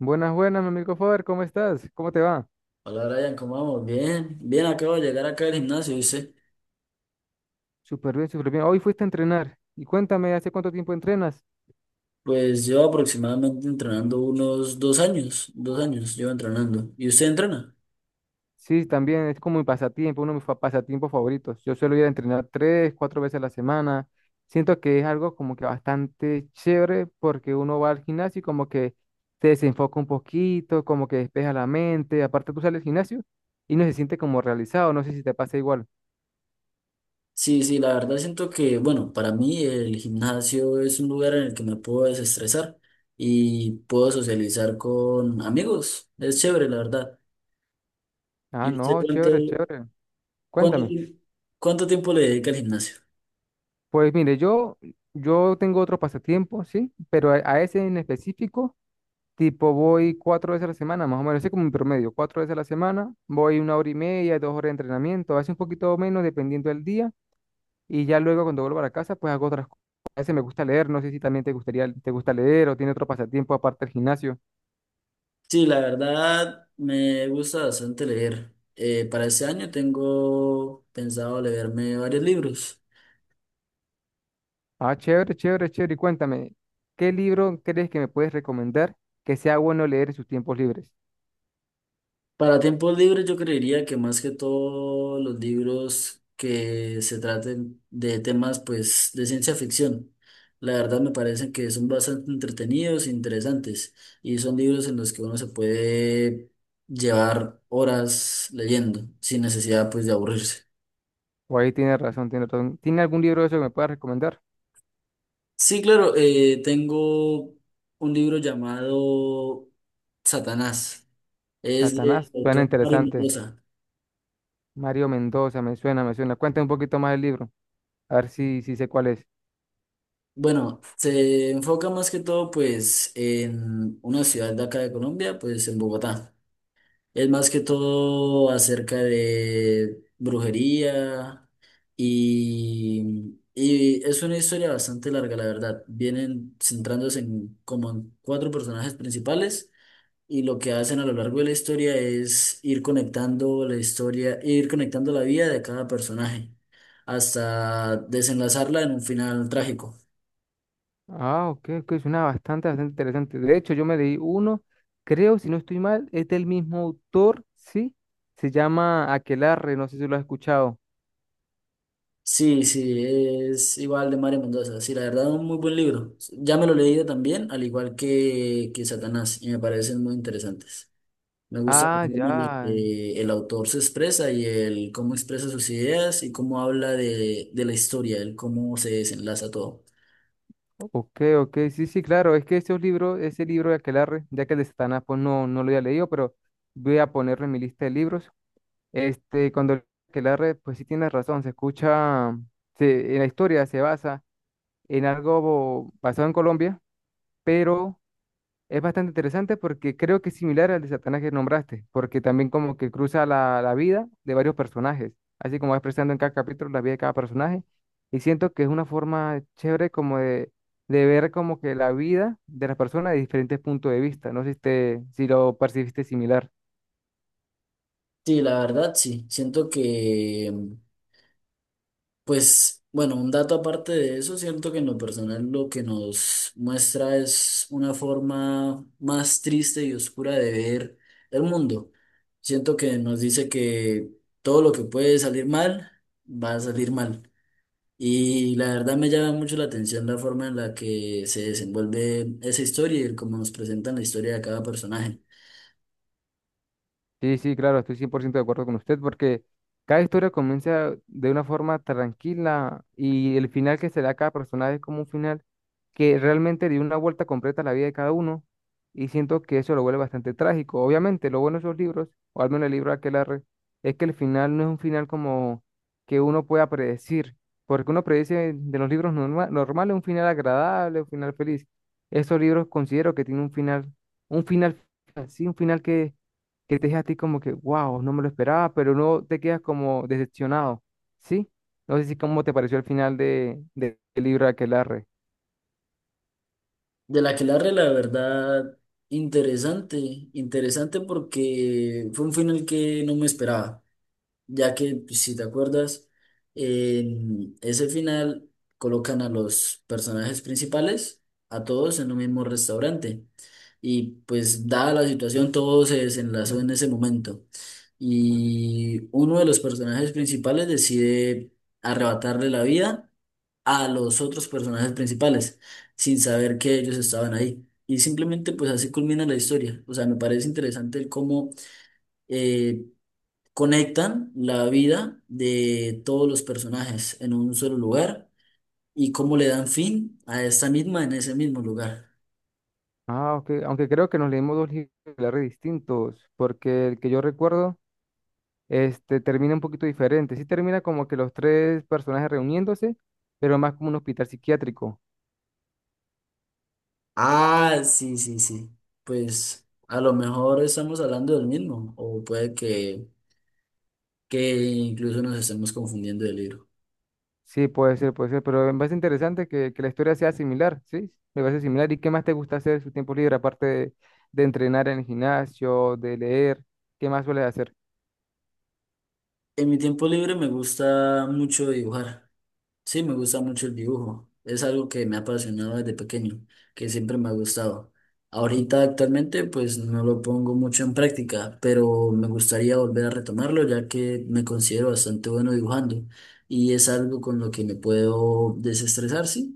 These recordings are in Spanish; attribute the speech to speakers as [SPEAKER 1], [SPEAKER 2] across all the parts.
[SPEAKER 1] Buenas, buenas, mi amigo Faber, ¿cómo estás? ¿Cómo te va?
[SPEAKER 2] Hola Brian, ¿cómo vamos? Bien, bien, acabo de llegar acá al gimnasio, ¿viste?
[SPEAKER 1] Súper bien, súper bien. Hoy fuiste a entrenar. Y cuéntame, ¿hace cuánto tiempo entrenas?
[SPEAKER 2] Pues llevo aproximadamente entrenando unos 2 años, 2 años llevo entrenando. ¿Y usted entrena?
[SPEAKER 1] Sí, también es como mi pasatiempo, uno de mis pasatiempos favoritos. Yo suelo ir a entrenar tres, cuatro veces a la semana. Siento que es algo como que bastante chévere porque uno va al gimnasio y como que se desenfoca un poquito, como que despeja la mente. Aparte, tú sales al gimnasio y no se siente como realizado. No sé si te pasa igual.
[SPEAKER 2] Sí, sí, la verdad siento que, bueno, para mí el gimnasio es un lugar en el que me puedo desestresar y puedo socializar con amigos. Es chévere, la verdad.
[SPEAKER 1] Ah,
[SPEAKER 2] ¿Y usted
[SPEAKER 1] no, chévere, chévere.
[SPEAKER 2] cuánto,
[SPEAKER 1] Cuéntame.
[SPEAKER 2] ti- cuánto tiempo le dedica al gimnasio?
[SPEAKER 1] Pues mire, yo tengo otro pasatiempo, sí, pero a ese en específico, tipo voy cuatro veces a la semana, más o menos, así como mi promedio, cuatro veces a la semana, voy 1 hora y media, 2 horas de entrenamiento, a veces un poquito menos dependiendo del día, y ya luego cuando vuelvo a la casa, pues hago otras cosas. A veces me gusta leer, no sé si también te gustaría, te gusta leer o tiene otro pasatiempo aparte del gimnasio.
[SPEAKER 2] Sí, la verdad me gusta bastante leer. Para este año tengo pensado leerme varios libros.
[SPEAKER 1] Ah, chévere, chévere, chévere, y cuéntame, ¿qué libro crees que me puedes recomendar que sea bueno leer en sus tiempos libres?
[SPEAKER 2] Para tiempos libres yo creería que más que todo los libros que se traten de temas pues de ciencia ficción. La verdad me parecen que son bastante entretenidos e interesantes y son libros en los que uno se puede llevar horas leyendo sin necesidad pues de aburrirse.
[SPEAKER 1] O ahí tiene razón, tiene razón. ¿Tiene algún libro de eso que me puedas recomendar?
[SPEAKER 2] Sí, claro, tengo un libro llamado Satanás. Es de
[SPEAKER 1] Satanás, suena
[SPEAKER 2] autor Mario
[SPEAKER 1] interesante.
[SPEAKER 2] Mendoza.
[SPEAKER 1] Mario Mendoza, me suena, me suena. Cuéntame un poquito más del libro, a ver si, si sé cuál es.
[SPEAKER 2] Bueno, se enfoca más que todo pues en una ciudad de acá de Colombia, pues en Bogotá. Es más que todo acerca de brujería y es una historia bastante larga, la verdad. Vienen centrándose en como en cuatro personajes principales. Y lo que hacen a lo largo de la historia es ir conectando la historia, ir conectando la vida de cada personaje hasta desenlazarla en un final trágico.
[SPEAKER 1] Ah, ok, ok, suena bastante, bastante interesante. De hecho, yo me leí uno, creo, si no estoy mal, es del mismo autor, ¿sí? Se llama Aquelarre, no sé si lo has escuchado.
[SPEAKER 2] Sí, sí, es igual de Mario Mendoza. Sí, la verdad, un muy buen libro. Ya me lo he leído también, al igual que Satanás, y me parecen muy interesantes. Me gusta la
[SPEAKER 1] Ah,
[SPEAKER 2] forma en la
[SPEAKER 1] ya.
[SPEAKER 2] que el autor se expresa y el cómo expresa sus ideas y cómo habla de la historia, el cómo se desenlaza todo.
[SPEAKER 1] Ok, ok, sí, sí, claro, es que esos libros, ese libro de Aquelarre, ya que el de Satanás, pues no, no lo había leído, pero voy a ponerlo en mi lista de libros. Este, cuando que la red, pues sí tiene razón, se escucha, en la historia se basa en algo basado en Colombia, pero es bastante interesante porque creo que es similar al de Satanás que nombraste, porque también como que cruza la vida de varios personajes, así como va expresando en cada capítulo la vida de cada personaje, y siento que es una forma chévere como de, ver como que la vida de las personas de diferentes puntos de vista, no sé si, si lo percibiste similar.
[SPEAKER 2] Sí, la verdad sí. Siento que, pues, bueno, un dato aparte de eso, siento que en lo personal lo que nos muestra es una forma más triste y oscura de ver el mundo. Siento que nos dice que todo lo que puede salir mal, va a salir mal. Y la verdad me llama mucho la atención la forma en la que se desenvuelve esa historia y el cómo nos presentan la historia de cada personaje.
[SPEAKER 1] Sí, sí, claro, estoy 100% de acuerdo con usted porque cada historia comienza de una forma tranquila y el final que se da a cada personaje es como un final que realmente dio una vuelta completa a la vida de cada uno y siento que eso lo vuelve bastante trágico. Obviamente, lo bueno de esos libros, o al menos el libro de Aquelarre, es que el final no es un final como que uno pueda predecir, porque uno predece de los libros normales un final agradable, un final feliz. Esos libros considero que tienen un final así, un final que te deja a ti como que, wow, no me lo esperaba, pero no te quedas como decepcionado, ¿sí? No sé si cómo te pareció el final de, del libro de Aquelarre.
[SPEAKER 2] Del Aquelarre, la verdad, interesante, interesante porque fue un final que no me esperaba, ya que, pues, si te acuerdas, en ese final colocan a los personajes principales, a todos en un mismo restaurante, y pues dada la situación, todo se desenlazó en ese momento, y uno de los personajes principales decide arrebatarle la vida a los otros personajes principales sin saber que ellos estaban ahí. Y simplemente pues así culmina la historia. O sea, me parece interesante el cómo eh, conectan la vida de todos los personajes en un solo lugar y cómo le dan fin a esta misma en ese mismo lugar.
[SPEAKER 1] Ah, ok, aunque creo que nos leímos dos libros de Aquelarre distintos, porque el que yo recuerdo, este, termina un poquito diferente. Sí termina como que los tres personajes reuniéndose, pero más como un hospital psiquiátrico.
[SPEAKER 2] Ah, sí, sí, sí. Pues a lo mejor estamos hablando del mismo o puede que incluso nos estemos confundiendo del libro.
[SPEAKER 1] Sí, puede ser, pero me parece interesante que la historia sea similar, ¿sí? Me parece similar. ¿Y qué más te gusta hacer en su tiempo libre, aparte de, entrenar en el gimnasio, de leer? ¿Qué más sueles hacer?
[SPEAKER 2] En mi tiempo libre me gusta mucho dibujar. Sí, me gusta mucho el dibujo. Es algo que me ha apasionado desde pequeño, que siempre me ha gustado. Ahorita actualmente pues no lo pongo mucho en práctica, pero me gustaría volver a retomarlo ya que me considero bastante bueno dibujando y es algo con lo que me puedo desestresar, sí.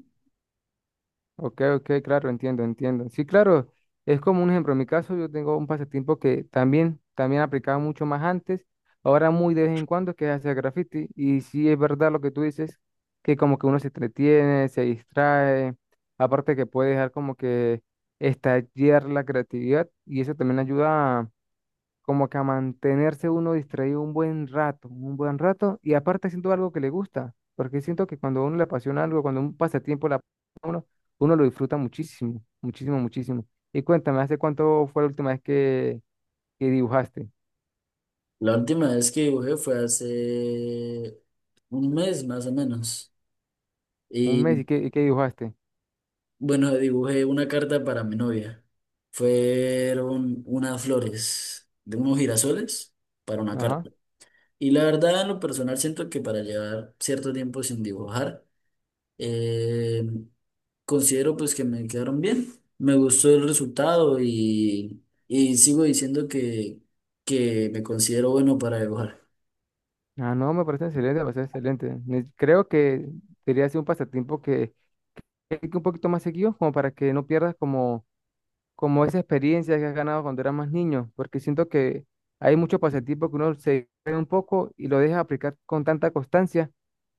[SPEAKER 1] Ok, ok, claro, entiendo, entiendo. Sí, claro, es como un ejemplo. En mi caso, yo tengo un pasatiempo que también, también aplicaba mucho más antes, ahora muy de vez en cuando, que es hacer graffiti. Y sí es verdad lo que tú dices, que como que uno se entretiene, se distrae, aparte que puede dejar como que estallar la creatividad y eso también ayuda como que a mantenerse uno distraído un buen rato, y aparte haciendo algo que le gusta, porque siento que cuando a uno le apasiona algo, cuando un pasatiempo le uno lo disfruta muchísimo, muchísimo, muchísimo. Y cuéntame, ¿hace cuánto fue la última vez que, dibujaste?
[SPEAKER 2] La última vez que dibujé fue hace un mes más o menos.
[SPEAKER 1] ¿Un mes? Y qué dibujaste?
[SPEAKER 2] Bueno, dibujé una carta para mi novia. Fueron unas flores de unos girasoles para una
[SPEAKER 1] Ajá.
[SPEAKER 2] carta. Y la verdad, en lo personal, siento que para llevar cierto tiempo sin dibujar, eh, considero pues que me quedaron bien. Me gustó el resultado y sigo diciendo que me considero bueno para dibujar.
[SPEAKER 1] Ah, no, me parece excelente, me parece excelente. Creo que debería ser un pasatiempo que un poquito más seguido, como para que no pierdas como esa experiencia que has ganado cuando eras más niño, porque siento que hay muchos pasatiempos que uno se cree un poco y lo deja aplicar con tanta constancia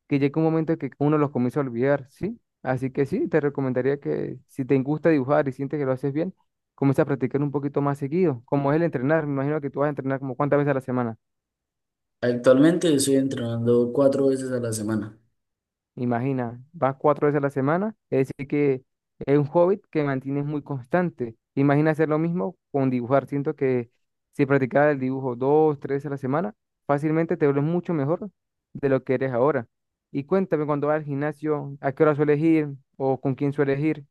[SPEAKER 1] que llega un momento que uno los comienza a olvidar, ¿sí? Así que sí, te recomendaría que si te gusta dibujar y sientes que lo haces bien, comienza a practicar un poquito más seguido, como es el entrenar. Me imagino que tú vas a entrenar como cuántas veces a la semana.
[SPEAKER 2] Actualmente estoy entrenando cuatro veces a la semana.
[SPEAKER 1] Imagina, vas cuatro veces a la semana, es decir que es un hobby que mantienes muy constante. Imagina hacer lo mismo con dibujar. Siento que si practicara el dibujo dos, tres veces a la semana, fácilmente te vuelves mucho mejor de lo que eres ahora. Y cuéntame, cuando vas al gimnasio, ¿a qué hora sueles ir o con quién sueles ir?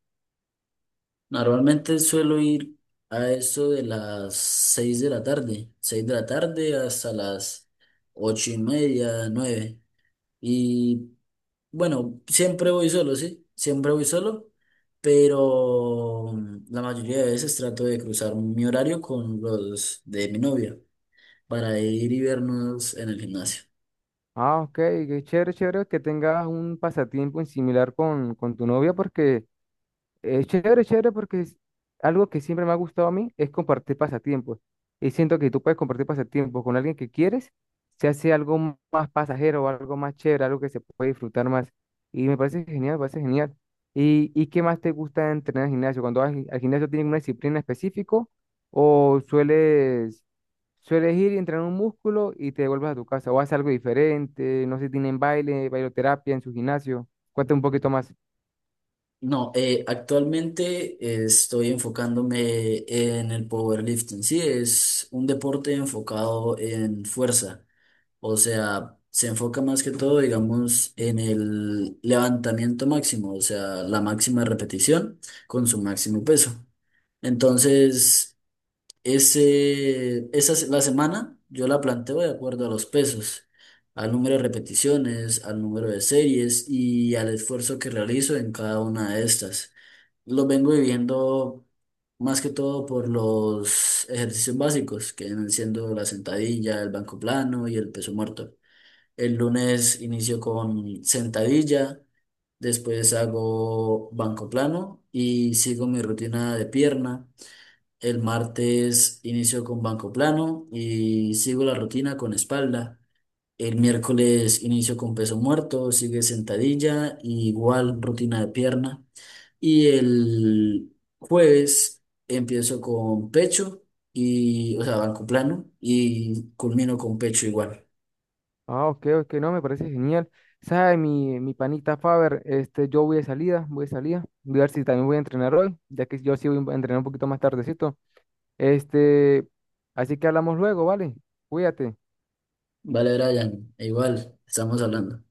[SPEAKER 2] Normalmente suelo ir a eso de las 6 de la tarde, 6 de la tarde hasta las 8:30, 9. Y bueno, siempre voy solo, sí, siempre voy solo, pero la mayoría de veces trato de cruzar mi horario con los de mi novia para ir y vernos en el gimnasio.
[SPEAKER 1] Ah, ok, qué chévere, chévere que tengas un pasatiempo en similar con, tu novia, porque es chévere, chévere porque es algo que siempre me ha gustado a mí es compartir pasatiempos. Y siento que tú puedes compartir pasatiempos con alguien que quieres, se hace algo más pasajero, algo más chévere, algo que se puede disfrutar más. Y me parece genial, me parece genial. Y qué más te gusta entrenar al gimnasio? Cuando vas al gimnasio tienes una disciplina específica o sueles ir y entrenar un músculo y te devuelves a tu casa o haces algo diferente, no sé, tienen baile, bailoterapia en su gimnasio. Cuéntame un poquito más.
[SPEAKER 2] No, actualmente estoy enfocándome en el powerlifting. Sí, es un deporte enfocado en fuerza. O sea, se enfoca más que todo, digamos, en el levantamiento máximo, o sea, la máxima repetición con su máximo peso. Entonces, la semana yo la planteo de acuerdo a los pesos, al número de repeticiones, al número de series y al esfuerzo que realizo en cada una de estas. Lo vengo viviendo más que todo por los ejercicios básicos, que vienen siendo la sentadilla, el banco plano y el peso muerto. El lunes inicio con sentadilla, después hago banco plano y sigo mi rutina de pierna. El martes inicio con banco plano y sigo la rutina con espalda. El miércoles inicio con peso muerto, sigue sentadilla, y igual rutina de pierna. Y el jueves empiezo con pecho y, o sea, banco plano y culmino con pecho igual.
[SPEAKER 1] Ah, ok, ok, no, me parece genial. ¿Sabe, mi panita Faber? Este, yo voy de salida, voy de salida. Voy a ver si también voy a entrenar hoy, ya que yo sí voy a entrenar un poquito más tardecito. Este, así que hablamos luego, ¿vale? Cuídate.
[SPEAKER 2] Vale, Brian, e igual, estamos hablando.